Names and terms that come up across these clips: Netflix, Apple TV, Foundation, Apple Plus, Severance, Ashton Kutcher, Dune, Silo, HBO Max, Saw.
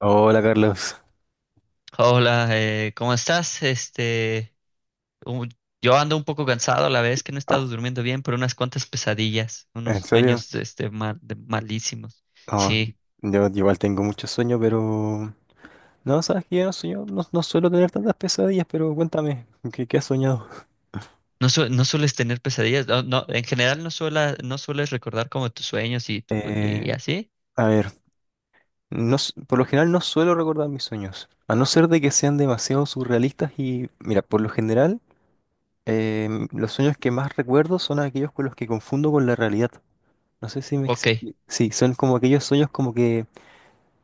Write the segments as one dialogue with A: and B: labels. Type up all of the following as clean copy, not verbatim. A: Hola Carlos.
B: Hola, ¿cómo estás? Un- yo ando un poco cansado, a la vez que no he
A: Ah,
B: estado durmiendo bien, por unas cuantas pesadillas, unos
A: ¿en serio?
B: sueños, malísimos.
A: No,
B: Sí,
A: yo igual tengo mucho sueño, pero... No, sabes que yo no, sueño- no, no suelo tener tantas pesadillas, pero cuéntame, ¿qué has soñado?
B: no, no sueles tener pesadillas, no, no, en general no sueles recordar como tus sueños y,
A: Eh,
B: y así.
A: a ver, no, s- por lo general no suelo recordar mis sueños, a no ser de que sean demasiado surrealistas y, mira, por lo general, los sueños que más recuerdo son aquellos con los que confundo con la realidad. No sé si me
B: Ok,
A: explico. Sí, son como aquellos sueños como que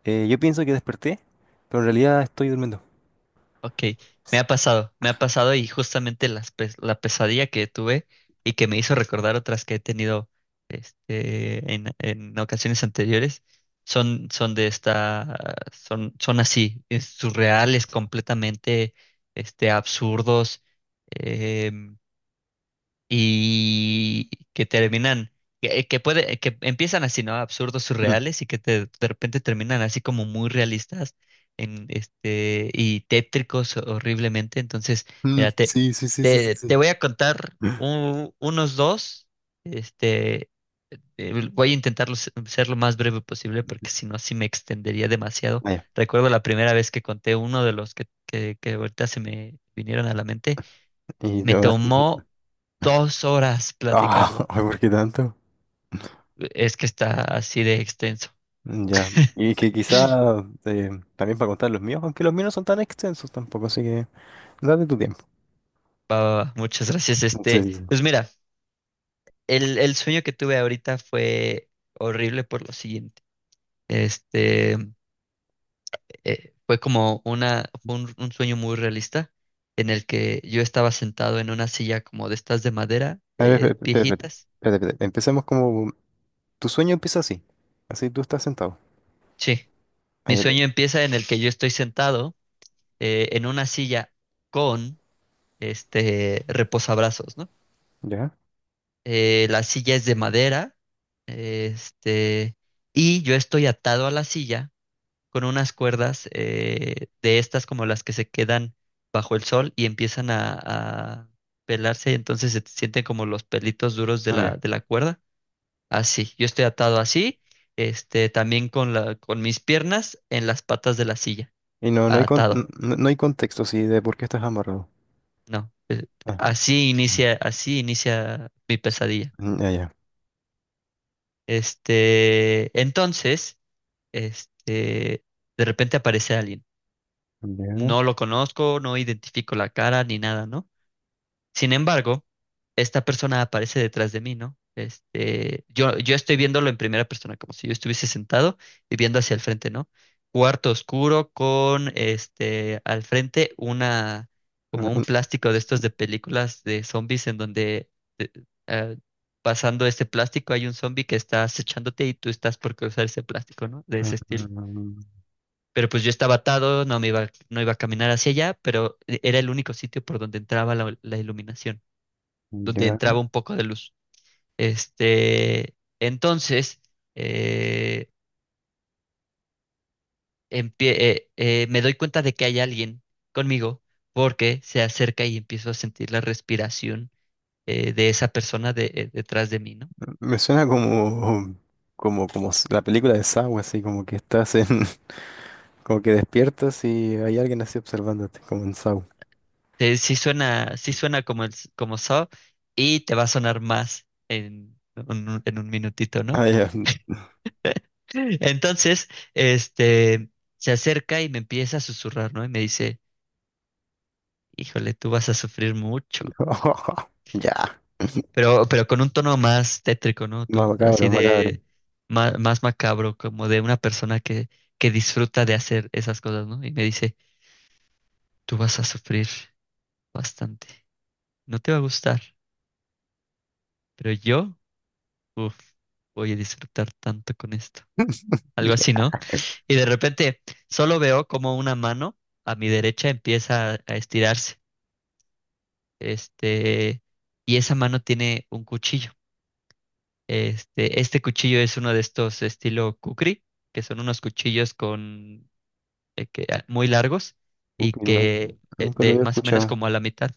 A: yo pienso que desperté, pero en realidad estoy durmiendo.
B: Ok, me ha pasado y justamente la pesadilla que tuve y que me hizo recordar otras que he tenido en ocasiones anteriores son, son de esta, son, son así, es surreales, completamente absurdos. em, y que terminan, que empiezan así, ¿no? Absurdos, surreales y de repente terminan así como muy realistas en este y tétricos horriblemente. Entonces,
A: Mm,
B: mira, te,
A: sí, sí, sí, sí, sí,
B: te, te
A: sí.
B: voy a contar unos dos, este, voy a intentar ser lo más breve posible porque si no, sí me extendería demasiado.
A: Vaya,
B: Recuerdo la primera vez que conté uno de los que ahorita se me vinieron a la mente,
A: y te
B: me
A: vas-
B: tomó 2 horas
A: Ah,
B: platicarlo.
A: ay, ¿por qué tanto?
B: Es que está así de extenso.
A: Ya. Y que quizá eh, también para contar los míos, aunque los míos no son tan extensos tampoco, así que date tu tiempo.
B: Va, va, va. Muchas gracias.
A: Sí,
B: Este,
A: sí, sí.
B: pues mira, el sueño que tuve ahorita fue horrible por lo siguiente. Este, fue como un sueño muy realista en el que yo estaba sentado en una silla como de estas de madera,
A: A ver, espérate, espérate, espérate,
B: viejitas.
A: espérate, espérate. Empecemos como... Tu sueño empieza así. Así tú estás sentado.
B: Sí, mi
A: Ahí el-
B: sueño empieza en el que yo estoy sentado en una silla con este reposabrazos, ¿no?
A: ¿Ya?
B: La silla es de madera, este, y yo estoy atado a la silla con unas cuerdas de estas como las que se quedan bajo el sol y empiezan a pelarse, y entonces se sienten como los pelitos duros de
A: Ah,
B: la,
A: ya.
B: de la cuerda. Así, yo estoy atado así, también con con mis piernas en las patas de la silla,
A: Y no, no hay con- n-
B: atado.
A: no, no hay contexto así de por qué estás amarrado.
B: No,
A: Ah, ah,
B: así inicia mi
A: s-
B: pesadilla.
A: Ya, ya.
B: Entonces, este, de repente aparece alguien.
A: Ya.
B: No lo conozco, no identifico la cara ni nada, ¿no? Sin embargo, esta persona aparece detrás de mí, ¿no? Yo estoy viéndolo en primera persona, como si yo estuviese sentado y viendo hacia el frente, ¿no? Cuarto oscuro con, al frente como un
A: Ah,
B: plástico de estos de películas de zombies en donde eh, eh, pasando este plástico hay un zombie que está acechándote y tú estás por cruzar ese plástico, ¿no? De
A: ah,
B: ese estilo.
A: ah, ah,
B: Pero pues yo estaba atado, no me iba, no iba a caminar hacia allá, pero era el único sitio por donde entraba la iluminación, donde
A: Ya.
B: entraba un poco de luz. Entonces, eh, me doy cuenta de que hay alguien conmigo porque se acerca y empiezo a sentir la respiración de esa persona detrás de mí, ¿no?
A: Me suena como, como, como s- la película de Saw, así como que estás en, como que despiertas y hay alguien así observándote, como en Saw.
B: Sí suena, sí suena como como Saw y te va a sonar más en un minutito, ¿no?
A: Ah, ya.
B: Entonces, este, se acerca y me empieza a susurrar, ¿no? Y me dice, híjole, tú vas a sufrir mucho.
A: Ya.
B: Pero con un tono más tétrico, ¿no?
A: Más
B: Tú,
A: macabro,
B: así
A: macabro.
B: de más, macabro, como de una persona que disfruta de hacer esas cosas, ¿no? Y me dice, tú vas a sufrir bastante. No te va a gustar, pero yo, uff, voy a disfrutar tanto con esto. Algo así,
A: Ya,
B: ¿no? Y de repente solo veo como una mano a mi derecha empieza a estirarse. Este, y esa mano tiene un cuchillo. Este cuchillo es uno de estos estilo kukri, que son unos cuchillos con muy largos y
A: ok, no,
B: que
A: nunca lo
B: de
A: había
B: más o menos
A: escuchado.
B: como a la mitad.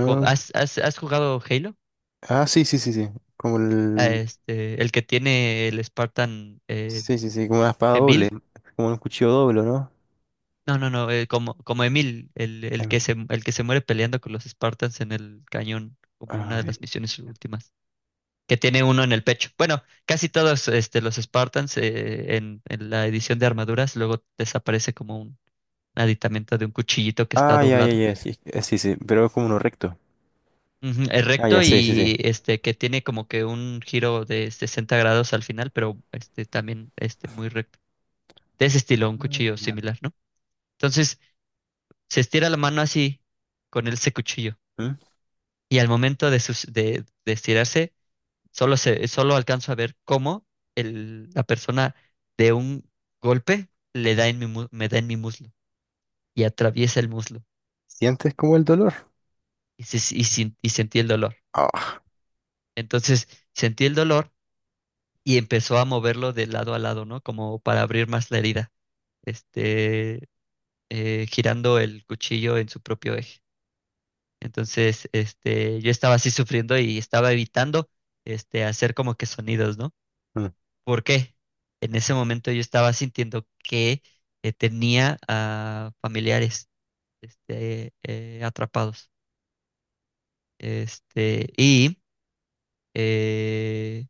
B: ¿Has jugado Halo?
A: ah, sí, sí, sí, sí. Como
B: Ah,
A: el.
B: el que tiene el Spartan
A: Sí, sí, sí, como una espada doble.
B: Emil.
A: Como un cuchillo doble, ¿no?
B: No, no, no, como Emil, el,
A: Ay,
B: el que
A: mi-
B: se, el que se muere peleando con los Spartans en el cañón, como una
A: a
B: de
A: ver.
B: las misiones últimas. Que tiene uno en el pecho. Bueno, casi todos los Spartans en la edición de armaduras luego desaparece como un aditamento de un cuchillito que está
A: Ah, ya, ya,
B: doblado.
A: ya. Sí, sí, sí, pero es como uno recto.
B: Ujú. Es
A: Ah, ya,
B: recto
A: sí, sí, sí.
B: y este que tiene como que un giro de 60 grados al final, pero este también este muy recto. De ese
A: Ah,
B: estilo, un cuchillo
A: ya.
B: similar, ¿no? Entonces, se estira la mano así con ese cuchillo
A: ¿Mm?
B: y al momento de estirarse. Solo alcanzo a ver cómo la persona de un golpe le da en mi, mu- me da en mi muslo y atraviesa el muslo
A: ¿Sientes como el dolor?
B: y, se- y sin- y sentí el dolor.
A: Ah,
B: Entonces sentí el dolor y empezó a moverlo de lado a lado, ¿no? Como para abrir más la herida, este, girando el cuchillo en su propio eje. Entonces, yo estaba así sufriendo y estaba evitando, hacer como que sonidos, ¿no? ¿Por qué? En ese momento yo estaba sintiendo que tenía a familiares atrapados. Y eh,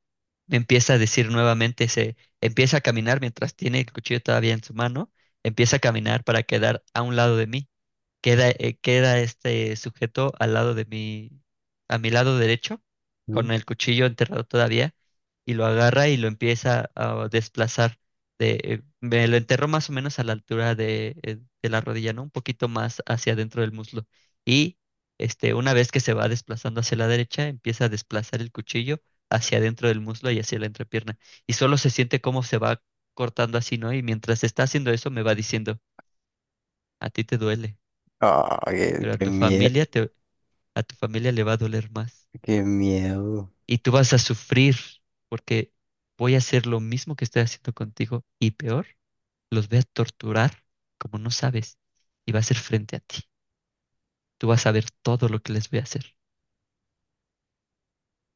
B: me empieza a decir nuevamente, se empieza a caminar mientras tiene el cuchillo todavía en su mano, empieza a caminar para quedar a un lado de mí. Queda este sujeto al lado de mi, a mi lado derecho,
A: ujú.
B: con el cuchillo enterrado todavía, y lo agarra y lo empieza a desplazar. Me lo enterró más o menos a la altura de la rodilla, ¿no? Un poquito más hacia adentro del muslo. Y una vez que se va desplazando hacia la derecha, empieza a desplazar el cuchillo hacia adentro del muslo y hacia la entrepierna. Y solo se siente cómo se va cortando así, ¿no? Y mientras está haciendo eso, me va diciendo, a ti te duele,
A: Ah, qué,
B: pero a
A: qué
B: tu
A: miedo,
B: familia te, a tu familia le va a doler más
A: qué miedo.
B: y tú vas a sufrir porque voy a hacer lo mismo que estoy haciendo contigo y peor, los voy a torturar como no sabes y va a ser frente a ti. Tú vas a ver todo lo que les voy a hacer.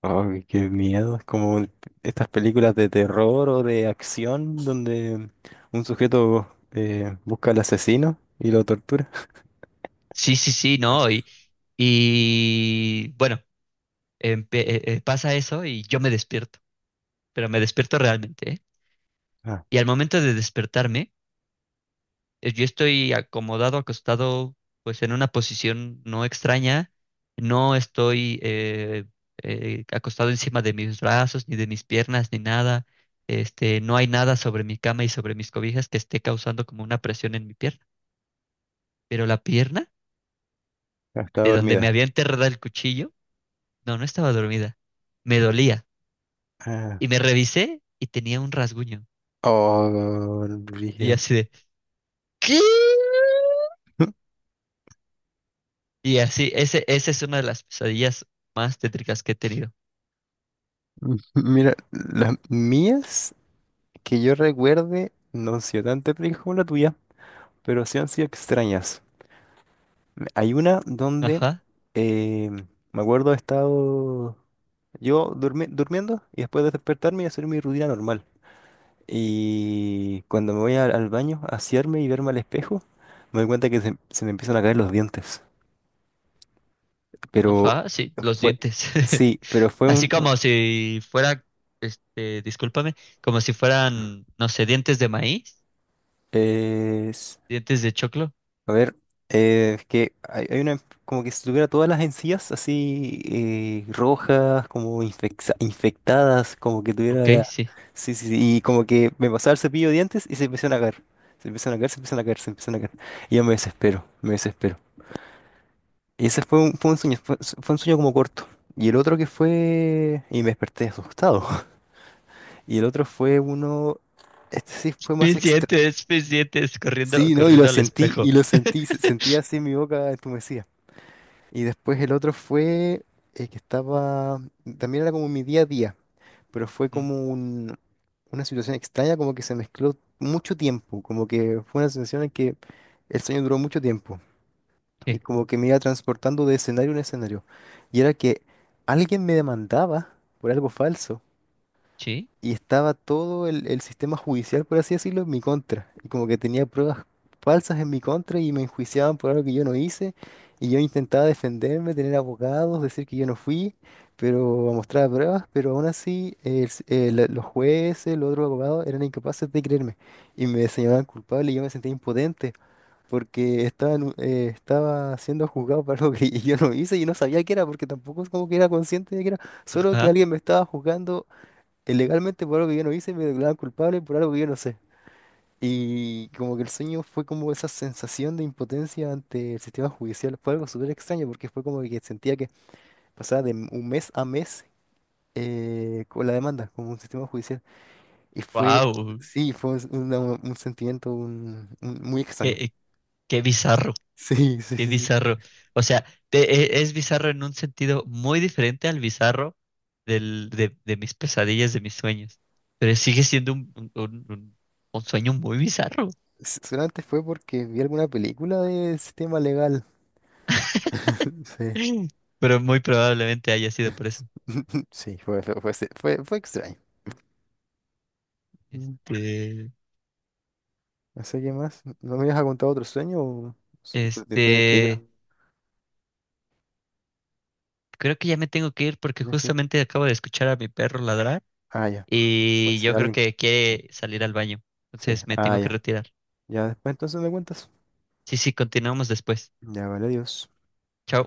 A: Oh, qué miedo. Es como estas películas de terror o de acción donde un sujeto busca al asesino y lo tortura.
B: Sí, sí, sí, no, y bueno, pasa eso y yo me despierto, pero me despierto realmente, ¿eh?
A: Ah,
B: Y al momento de despertarme yo estoy acomodado, acostado, pues en una posición no extraña. No estoy acostado encima de mis brazos, ni de mis piernas, ni nada. No hay nada sobre mi cama y sobre mis cobijas que esté causando como una presión en mi pierna. Pero la pierna,
A: está
B: de donde me
A: dormida.
B: había enterrado el cuchillo, no, no estaba dormida. Me dolía.
A: Ah,
B: Y me revisé y tenía un rasguño.
A: oh,
B: Y
A: brígido.
B: así de, ¿qué?
A: M-
B: Y así, esa es una de las pesadillas más tétricas que he tenido.
A: Mira, las mías que yo recuerde no han sido tan terribles como la tuya, pero sí han sido extrañas. Hay una donde
B: Ajá.
A: eh, me acuerdo he estado yo durmi- durmiendo y después de despertarme y hacer mi rutina normal. Y cuando me voy al baño a asearme y verme al espejo, me doy cuenta que se me empiezan a caer los dientes. Pero
B: Ajá, sí, los
A: fue,
B: dientes.
A: sí, pero fue
B: Así
A: un,
B: como si fuera, discúlpame, como si fueran, no sé, dientes de maíz,
A: eh,
B: dientes de choclo.
A: a ver, es que hay una, como que si tuviera todas las encías así rojas, como infecta- infectadas, como que tuviera
B: Ok,
A: la...
B: sí.
A: Sí, sí, sí, y como que me pasaba el cepillo de dientes y se empezaron a caer. Se empiezan a caer, se empiezan a caer, se empiezan a caer. Y yo me desespero, me desespero. Y ese fue un sueño, fue, fue un sueño como corto. Y el otro que fue... Y me desperté asustado. Y el otro fue uno... Este sí fue más extra.
B: Mis dientes, corriendo,
A: Sí, ¿no?
B: corriendo al
A: Y
B: espejo.
A: lo sentí, se- sentí así mi boca entumecida. Y después el otro fue que estaba, también era como mi día a día, pero fue
B: Ujú.
A: como un- una situación extraña, como que se mezcló mucho tiempo, como que fue una sensación en que el sueño duró mucho tiempo y
B: Sí,
A: como que me iba transportando de escenario en escenario. Y era que alguien me demandaba por algo falso
B: sí,
A: y estaba todo el sistema judicial, por así decirlo, en mi contra. Y como que tenía pruebas falsas en mi contra y me enjuiciaban por algo que yo no hice. Y yo intentaba defenderme, tener abogados, decir que yo no fui, pero a mostrar pruebas, pero aún así el s- la- los jueces, los otros abogados eran incapaces de creerme y me señalaban culpable y yo me sentía impotente porque estaba, en un- estaba siendo juzgado por algo que yo no hice y no sabía qué era porque tampoco es como que era consciente de que era, solo que
B: ajá.
A: alguien me estaba juzgando ilegalmente por algo que yo no hice, me declaraban culpable por algo que yo no sé. Y como que el sueño fue como esa sensación de impotencia ante el sistema judicial. Fue algo súper extraño porque fue como que sentía que pasaba de m- un mes a mes con la demanda, como un sistema judicial. Y fue,
B: Wow,
A: sí, fue un, una- un sentimiento un- muy extraño.
B: qué, qué bizarro.
A: Sí, sí,
B: Qué
A: sí, sí.
B: bizarro. O sea, te- es bizarro en un sentido muy diferente al bizarro de mis pesadillas, de mis sueños. Pero sigue siendo un sueño muy bizarro.
A: S- Solamente fue porque vi alguna película de sistema legal. Sí.
B: Pero muy probablemente haya sido por eso.
A: Sí, fue extraño. Mm.
B: Este,
A: No sé qué más. ¿No me ibas a contar otro sueño o so- te tienes que ir?
B: este, creo que ya me tengo que ir porque
A: Tienes que ir.
B: justamente acabo de escuchar a mi perro ladrar
A: Ah, ya. Puede
B: y
A: ser
B: yo creo
A: alguien.
B: que quiere salir al baño.
A: Sí,
B: Entonces me
A: ah,
B: tengo que
A: ya.
B: retirar.
A: Ya después entonces me cuentas.
B: Sí, sí, continuamos después.
A: Ya, vale, adiós.
B: Chao.